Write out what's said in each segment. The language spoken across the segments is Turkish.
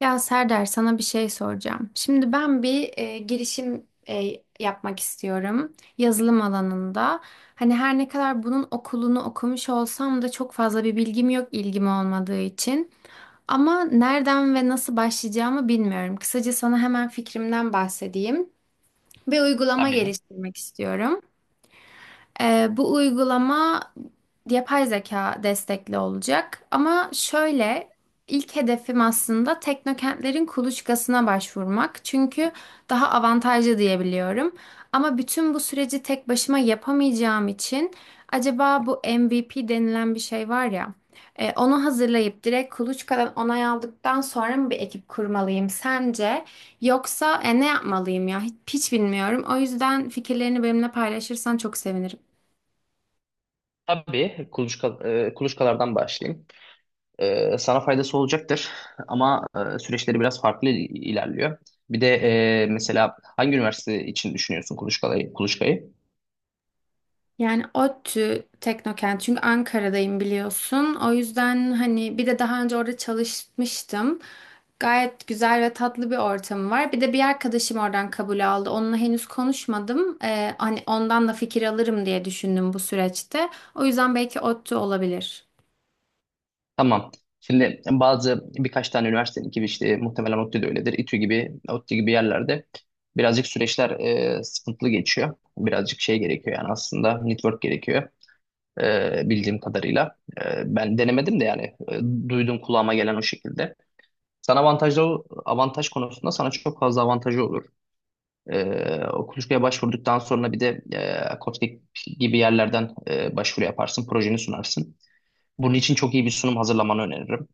Ya Serdar sana bir şey soracağım. Şimdi ben bir girişim yapmak istiyorum yazılım alanında. Hani her ne kadar bunun okulunu okumuş olsam da çok fazla bir bilgim yok ilgim olmadığı için. Ama nereden ve nasıl başlayacağımı bilmiyorum. Kısaca sana hemen fikrimden bahsedeyim. Bir uygulama Tabii. geliştirmek istiyorum. Bu uygulama yapay zeka destekli olacak. Ama şöyle ilk hedefim aslında teknokentlerin kuluçkasına başvurmak. Çünkü daha avantajlı diyebiliyorum. Ama bütün bu süreci tek başıma yapamayacağım için acaba bu MVP denilen bir şey var ya, onu hazırlayıp direkt kuluçkadan onay aldıktan sonra mı bir ekip kurmalıyım sence? Yoksa ne yapmalıyım ya? Hiç bilmiyorum. O yüzden fikirlerini benimle paylaşırsan çok sevinirim. Tabii kuluçka, kuluçkalardan başlayayım. Sana faydası olacaktır ama süreçleri biraz farklı ilerliyor. Bir de mesela hangi üniversite için düşünüyorsun kuluçkayı? Yani ODTÜ Teknokent, çünkü Ankara'dayım biliyorsun. O yüzden hani bir de daha önce orada çalışmıştım. Gayet güzel ve tatlı bir ortamı var. Bir de bir arkadaşım oradan kabul aldı. Onunla henüz konuşmadım. Hani ondan da fikir alırım diye düşündüm bu süreçte. O yüzden belki ODTÜ olabilir. Tamam. Şimdi bazı birkaç tane üniversitenin gibi işte muhtemelen ODTÜ de öyledir. İTÜ gibi, ODTÜ gibi yerlerde birazcık süreçler sıkıntılı geçiyor. Birazcık şey gerekiyor yani aslında network gerekiyor bildiğim kadarıyla. Ben denemedim de yani duydum kulağıma gelen o şekilde. Sana avantaj konusunda sana çok fazla avantajı olur. E, O kuluçkaya başvurduktan sonra bir de Koçtik gibi yerlerden başvuru yaparsın, projeni sunarsın. Bunun için çok iyi bir sunum hazırlamanı öneririm.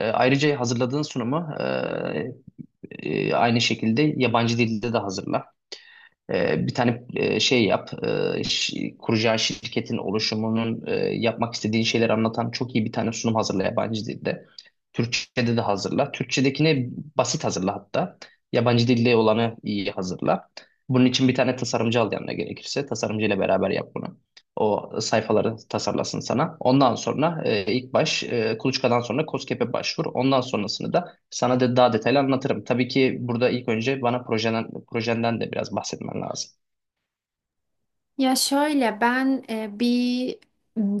Ayrıca hazırladığın sunumu aynı şekilde yabancı dilde de hazırla. Bir tane kuracağı şirketin oluşumunun yapmak istediği şeyleri anlatan çok iyi bir tane sunum hazırla yabancı dilde. Türkçe'de de hazırla. Türkçedekini basit hazırla hatta. Yabancı dilde olanı iyi hazırla. Bunun için bir tane tasarımcı al yanına gerekirse. Tasarımcı ile beraber yap bunu. O sayfaları tasarlasın sana. Ondan sonra Kuluçka'dan sonra KOSGEB'e başvur. Ondan sonrasını da sana da daha detaylı anlatırım. Tabii ki burada ilk önce bana projenden de biraz bahsetmen lazım. Ya şöyle ben bir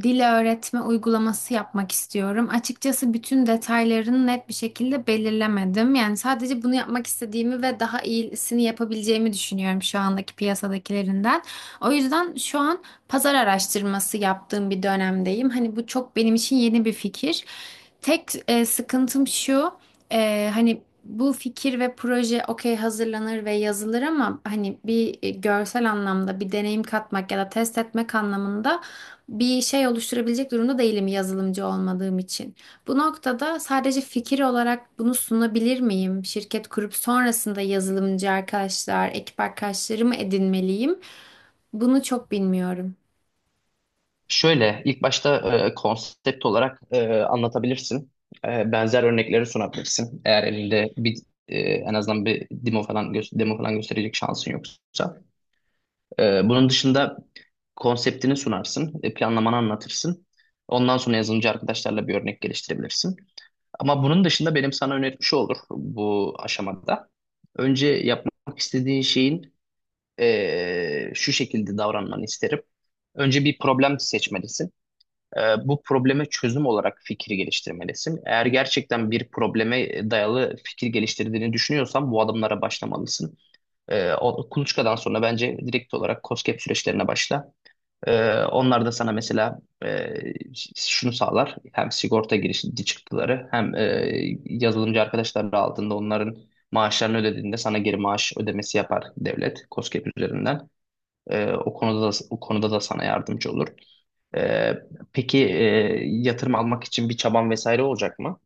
dil öğretme uygulaması yapmak istiyorum. Açıkçası bütün detaylarını net bir şekilde belirlemedim. Yani sadece bunu yapmak istediğimi ve daha iyisini yapabileceğimi düşünüyorum şu andaki piyasadakilerinden. O yüzden şu an pazar araştırması yaptığım bir dönemdeyim. Hani bu çok benim için yeni bir fikir. Tek sıkıntım şu. Hani bu fikir ve proje okey hazırlanır ve yazılır, ama hani bir görsel anlamda bir deneyim katmak ya da test etmek anlamında bir şey oluşturabilecek durumda değilim yazılımcı olmadığım için. Bu noktada sadece fikir olarak bunu sunabilir miyim? Şirket kurup sonrasında yazılımcı arkadaşlar, ekip arkadaşlarımı edinmeliyim? Bunu çok bilmiyorum. Şöyle, ilk başta konsept olarak anlatabilirsin. Benzer örnekleri sunabilirsin. Eğer elinde bir en azından bir demo falan gösterecek şansın yoksa. Bunun dışında konseptini sunarsın, planlamanı anlatırsın. Ondan sonra yazılımcı arkadaşlarla bir örnek geliştirebilirsin. Ama bunun dışında benim sana önerim şu olur bu aşamada. Önce yapmak istediğin şeyin şu şekilde davranmanı isterim. Önce bir problem seçmelisin. Bu probleme çözüm olarak fikri geliştirmelisin. Eğer gerçekten bir probleme dayalı fikir geliştirdiğini düşünüyorsan bu adımlara başlamalısın. Kuluçkadan sonra bence direkt olarak KOSGEB süreçlerine başla. Onlar da sana mesela e, şunu sağlar. Hem sigorta girişi çıktıları hem yazılımcı arkadaşları aldığında onların maaşlarını ödediğinde sana geri maaş ödemesi yapar devlet KOSGEB üzerinden. O konuda da sana yardımcı olur. Ee, peki yatırım almak için bir çaban vesaire olacak mı?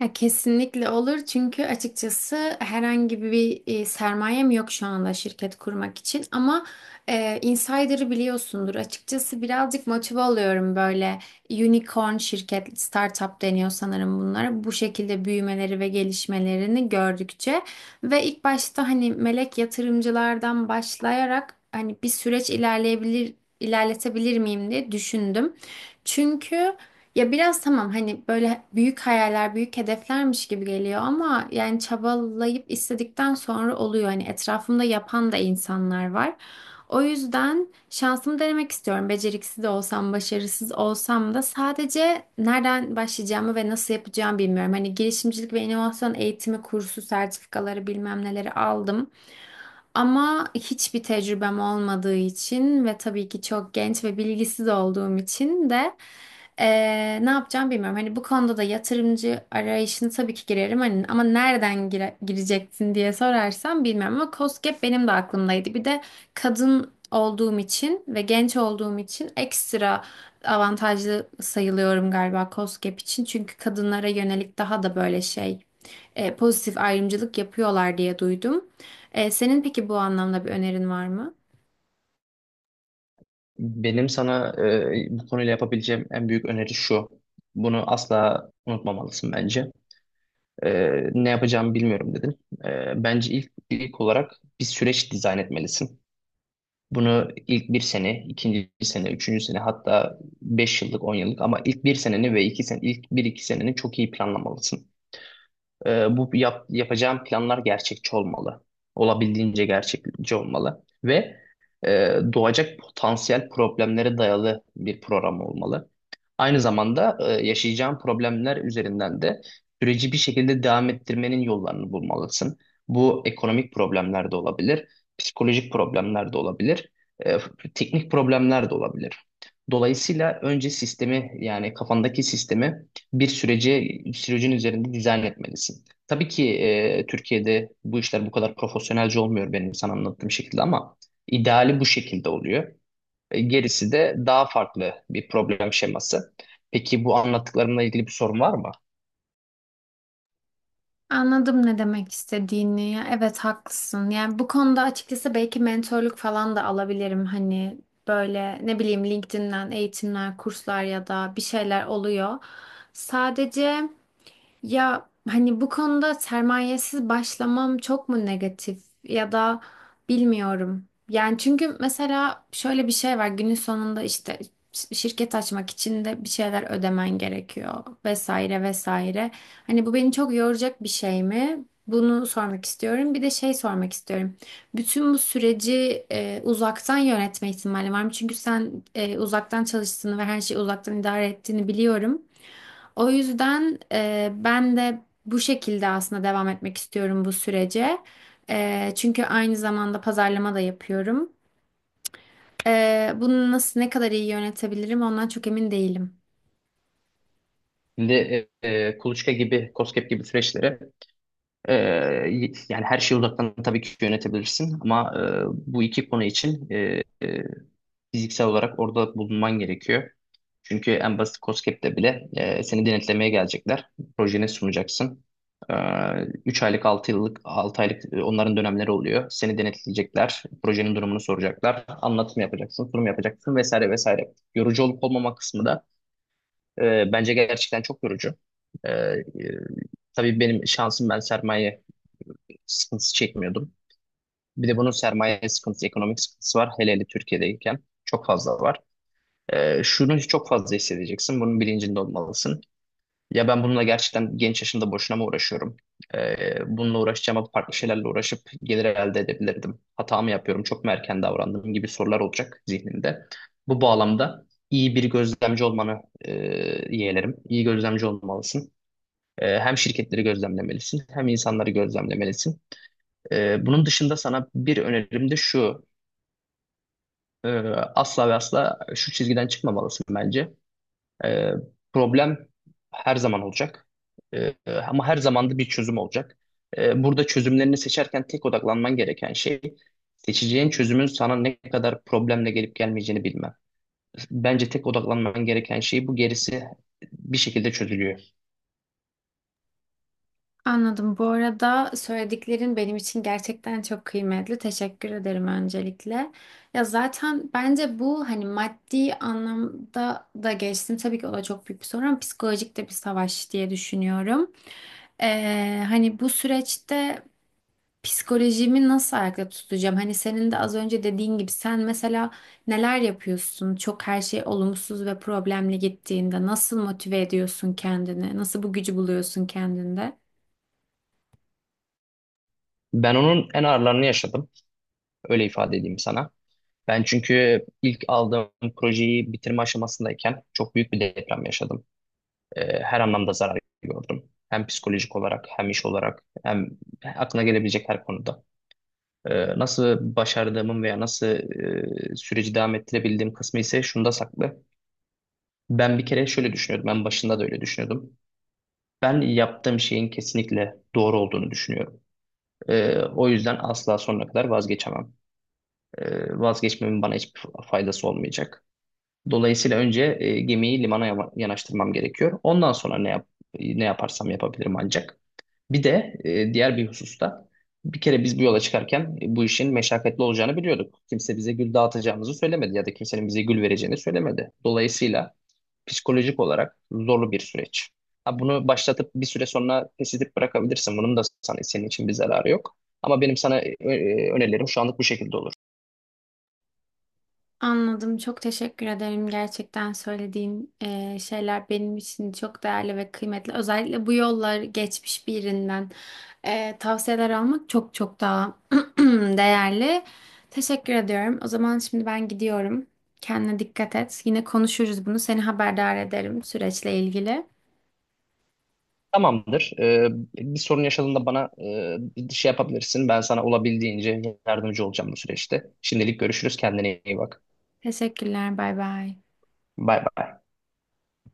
Ya kesinlikle olur, çünkü açıkçası herhangi bir sermayem yok şu anda şirket kurmak için, ama insider'ı biliyorsundur açıkçası, birazcık motive oluyorum böyle unicorn şirket startup deniyor sanırım bunlara, bu şekilde büyümeleri ve gelişmelerini gördükçe ve ilk başta hani melek yatırımcılardan başlayarak hani bir süreç ilerleyebilir ilerletebilir miyim diye düşündüm. Çünkü ya biraz tamam hani böyle büyük hayaller, büyük hedeflermiş gibi geliyor, ama yani çabalayıp istedikten sonra oluyor. Hani etrafımda yapan da insanlar var. O yüzden şansımı denemek istiyorum. Beceriksiz de olsam, başarısız olsam da sadece nereden başlayacağımı ve nasıl yapacağımı bilmiyorum. Hani girişimcilik ve inovasyon eğitimi kursu, sertifikaları bilmem neleri aldım. Ama hiçbir tecrübem olmadığı için ve tabii ki çok genç ve bilgisiz olduğum için de ne yapacağım bilmiyorum. Hani bu konuda da yatırımcı arayışını tabii ki girerim. Hani, ama nereden gireceksin diye sorarsam bilmiyorum. Ama KOSGEB benim de aklımdaydı. Bir de kadın olduğum için ve genç olduğum için ekstra avantajlı sayılıyorum galiba KOSGEB için. Çünkü kadınlara yönelik daha da böyle şey pozitif ayrımcılık yapıyorlar diye duydum. E, senin peki bu anlamda bir önerin var mı? Benim sana bu konuyla yapabileceğim en büyük öneri şu. Bunu asla unutmamalısın bence. Ne yapacağımı bilmiyorum dedin. Bence ilk olarak bir süreç dizayn etmelisin. Bunu ilk bir sene, ikinci sene, üçüncü sene hatta 5 yıllık, 10 yıllık ama ilk bir seneni ve iki sen ilk bir iki seneni çok iyi planlamalısın. Yapacağım planlar gerçekçi olmalı. Olabildiğince gerçekçi olmalı. Ve doğacak potansiyel problemlere dayalı bir program olmalı. Aynı zamanda yaşayacağın problemler üzerinden de süreci bir şekilde devam ettirmenin yollarını bulmalısın. Bu ekonomik problemler de olabilir, psikolojik problemler de olabilir, e, teknik problemler de olabilir. Dolayısıyla önce sistemi yani kafandaki sistemi bir süreci sürecin üzerinde dizayn etmelisin. Tabii ki Türkiye'de bu işler bu kadar profesyonelce olmuyor benim sana anlattığım şekilde ama ideali bu şekilde oluyor. Gerisi de daha farklı bir problem şeması. Peki bu anlattıklarımla ilgili bir sorun var mı? Anladım ne demek istediğini. Ya evet, haklısın. Yani bu konuda açıkçası belki mentorluk falan da alabilirim. Hani böyle ne bileyim LinkedIn'den eğitimler, kurslar ya da bir şeyler oluyor. Sadece ya hani bu konuda sermayesiz başlamam çok mu negatif ya da bilmiyorum. Yani çünkü mesela şöyle bir şey var, günün sonunda işte şirket açmak için de bir şeyler ödemen gerekiyor vesaire vesaire. Hani bu beni çok yoracak bir şey mi? Bunu sormak istiyorum. Bir de şey sormak istiyorum. Bütün bu süreci uzaktan yönetme ihtimali var mı? Çünkü sen uzaktan çalıştığını ve her şeyi uzaktan idare ettiğini biliyorum. O yüzden ben de bu şekilde aslında devam etmek istiyorum bu sürece. E, çünkü aynı zamanda pazarlama da yapıyorum. E, bunu nasıl ne kadar iyi yönetebilirim ondan çok emin değilim. Şimdi Kuluçka gibi, KOSGEB gibi süreçleri e, yani her şeyi uzaktan tabii ki yönetebilirsin ama bu iki konu için fiziksel olarak orada bulunman gerekiyor. Çünkü en basit COSGAP'te bile seni denetlemeye gelecekler. Projeni sunacaksın. E, 3 aylık, 6 yıllık, 6 aylık onların dönemleri oluyor. Seni denetleyecekler. Projenin durumunu soracaklar. Anlatım yapacaksın, sunum yapacaksın vesaire vesaire. Yorucu olup olmama kısmı da bence gerçekten çok yorucu. E, e, tabii benim şansım ben sermaye sıkıntısı çekmiyordum. Bir de bunun sermaye sıkıntısı, ekonomik sıkıntısı var. Hele hele Türkiye'deyken çok fazla var. Şunu çok fazla hissedeceksin. Bunun bilincinde olmalısın. Ya ben bununla gerçekten genç yaşımda boşuna mı uğraşıyorum? Bununla uğraşacağıma farklı şeylerle uğraşıp gelir elde edebilirdim. Hata mı yapıyorum? Çok mu erken davrandım? Gibi sorular olacak zihninde. Bu bağlamda iyi bir gözlemci olmanı e, yeğlerim. İyi gözlemci olmalısın. Hem şirketleri gözlemlemelisin, hem insanları gözlemlemelisin. Bunun dışında sana bir önerim de şu. Ee, Asla ve asla şu çizgiden çıkmamalısın bence. Ee, Problem her zaman olacak. Ee, Ama her zaman da bir çözüm olacak. Burada çözümlerini seçerken tek odaklanman gereken şey seçeceğin çözümün sana ne kadar problemle gelip gelmeyeceğini bilmem. Bence tek odaklanman gereken şey bu, gerisi bir şekilde çözülüyor. Anladım. Bu arada söylediklerin benim için gerçekten çok kıymetli. Teşekkür ederim öncelikle. Ya zaten bence bu hani maddi anlamda da geçtim. Tabii ki o da çok büyük bir sorun, ama psikolojik de bir savaş diye düşünüyorum. Hani bu süreçte psikolojimi nasıl ayakta tutacağım? Hani senin de az önce dediğin gibi sen mesela neler yapıyorsun? Çok her şey olumsuz ve problemli gittiğinde nasıl motive ediyorsun kendini? Nasıl bu gücü buluyorsun kendinde? Ben onun en ağırlarını yaşadım. Öyle ifade edeyim sana. Ben çünkü ilk aldığım projeyi bitirme aşamasındayken çok büyük bir deprem yaşadım. Her anlamda zarar gördüm. Hem psikolojik olarak hem iş olarak hem aklına gelebilecek her konuda. Nasıl başardığımın veya nasıl süreci devam ettirebildiğim kısmı ise şunda saklı. Ben bir kere şöyle düşünüyordum. Ben başında da öyle düşünüyordum. Ben yaptığım şeyin kesinlikle doğru olduğunu düşünüyorum. O yüzden asla sonuna kadar vazgeçemem. Vazgeçmemin bana hiçbir faydası olmayacak. Dolayısıyla önce gemiyi limana yanaştırmam gerekiyor. Ondan sonra ne yaparsam yapabilirim ancak. Bir de diğer bir hususta bir kere biz bu yola çıkarken bu işin meşakkatli olacağını biliyorduk. Kimse bize gül dağıtacağımızı söylemedi ya da kimsenin bize gül vereceğini söylemedi. Dolayısıyla psikolojik olarak zorlu bir süreç. Ha, bunu başlatıp bir süre sonra pes edip bırakabilirsin. Bunun da sana, senin için bir zararı yok. Ama benim sana önerilerim şu anlık bu şekilde olur. Anladım. Çok teşekkür ederim. Gerçekten söylediğin şeyler benim için çok değerli ve kıymetli. Özellikle bu yollar geçmiş birinden tavsiyeler almak çok çok daha değerli. Teşekkür ediyorum. O zaman şimdi ben gidiyorum. Kendine dikkat et. Yine konuşuruz bunu. Seni haberdar ederim süreçle ilgili. Tamamdır. Bir sorun yaşadığında bana bir şey yapabilirsin. Ben sana olabildiğince yardımcı olacağım bu süreçte. Şimdilik görüşürüz. Kendine iyi bak. Teşekkürler. Bay bay. Bay bay.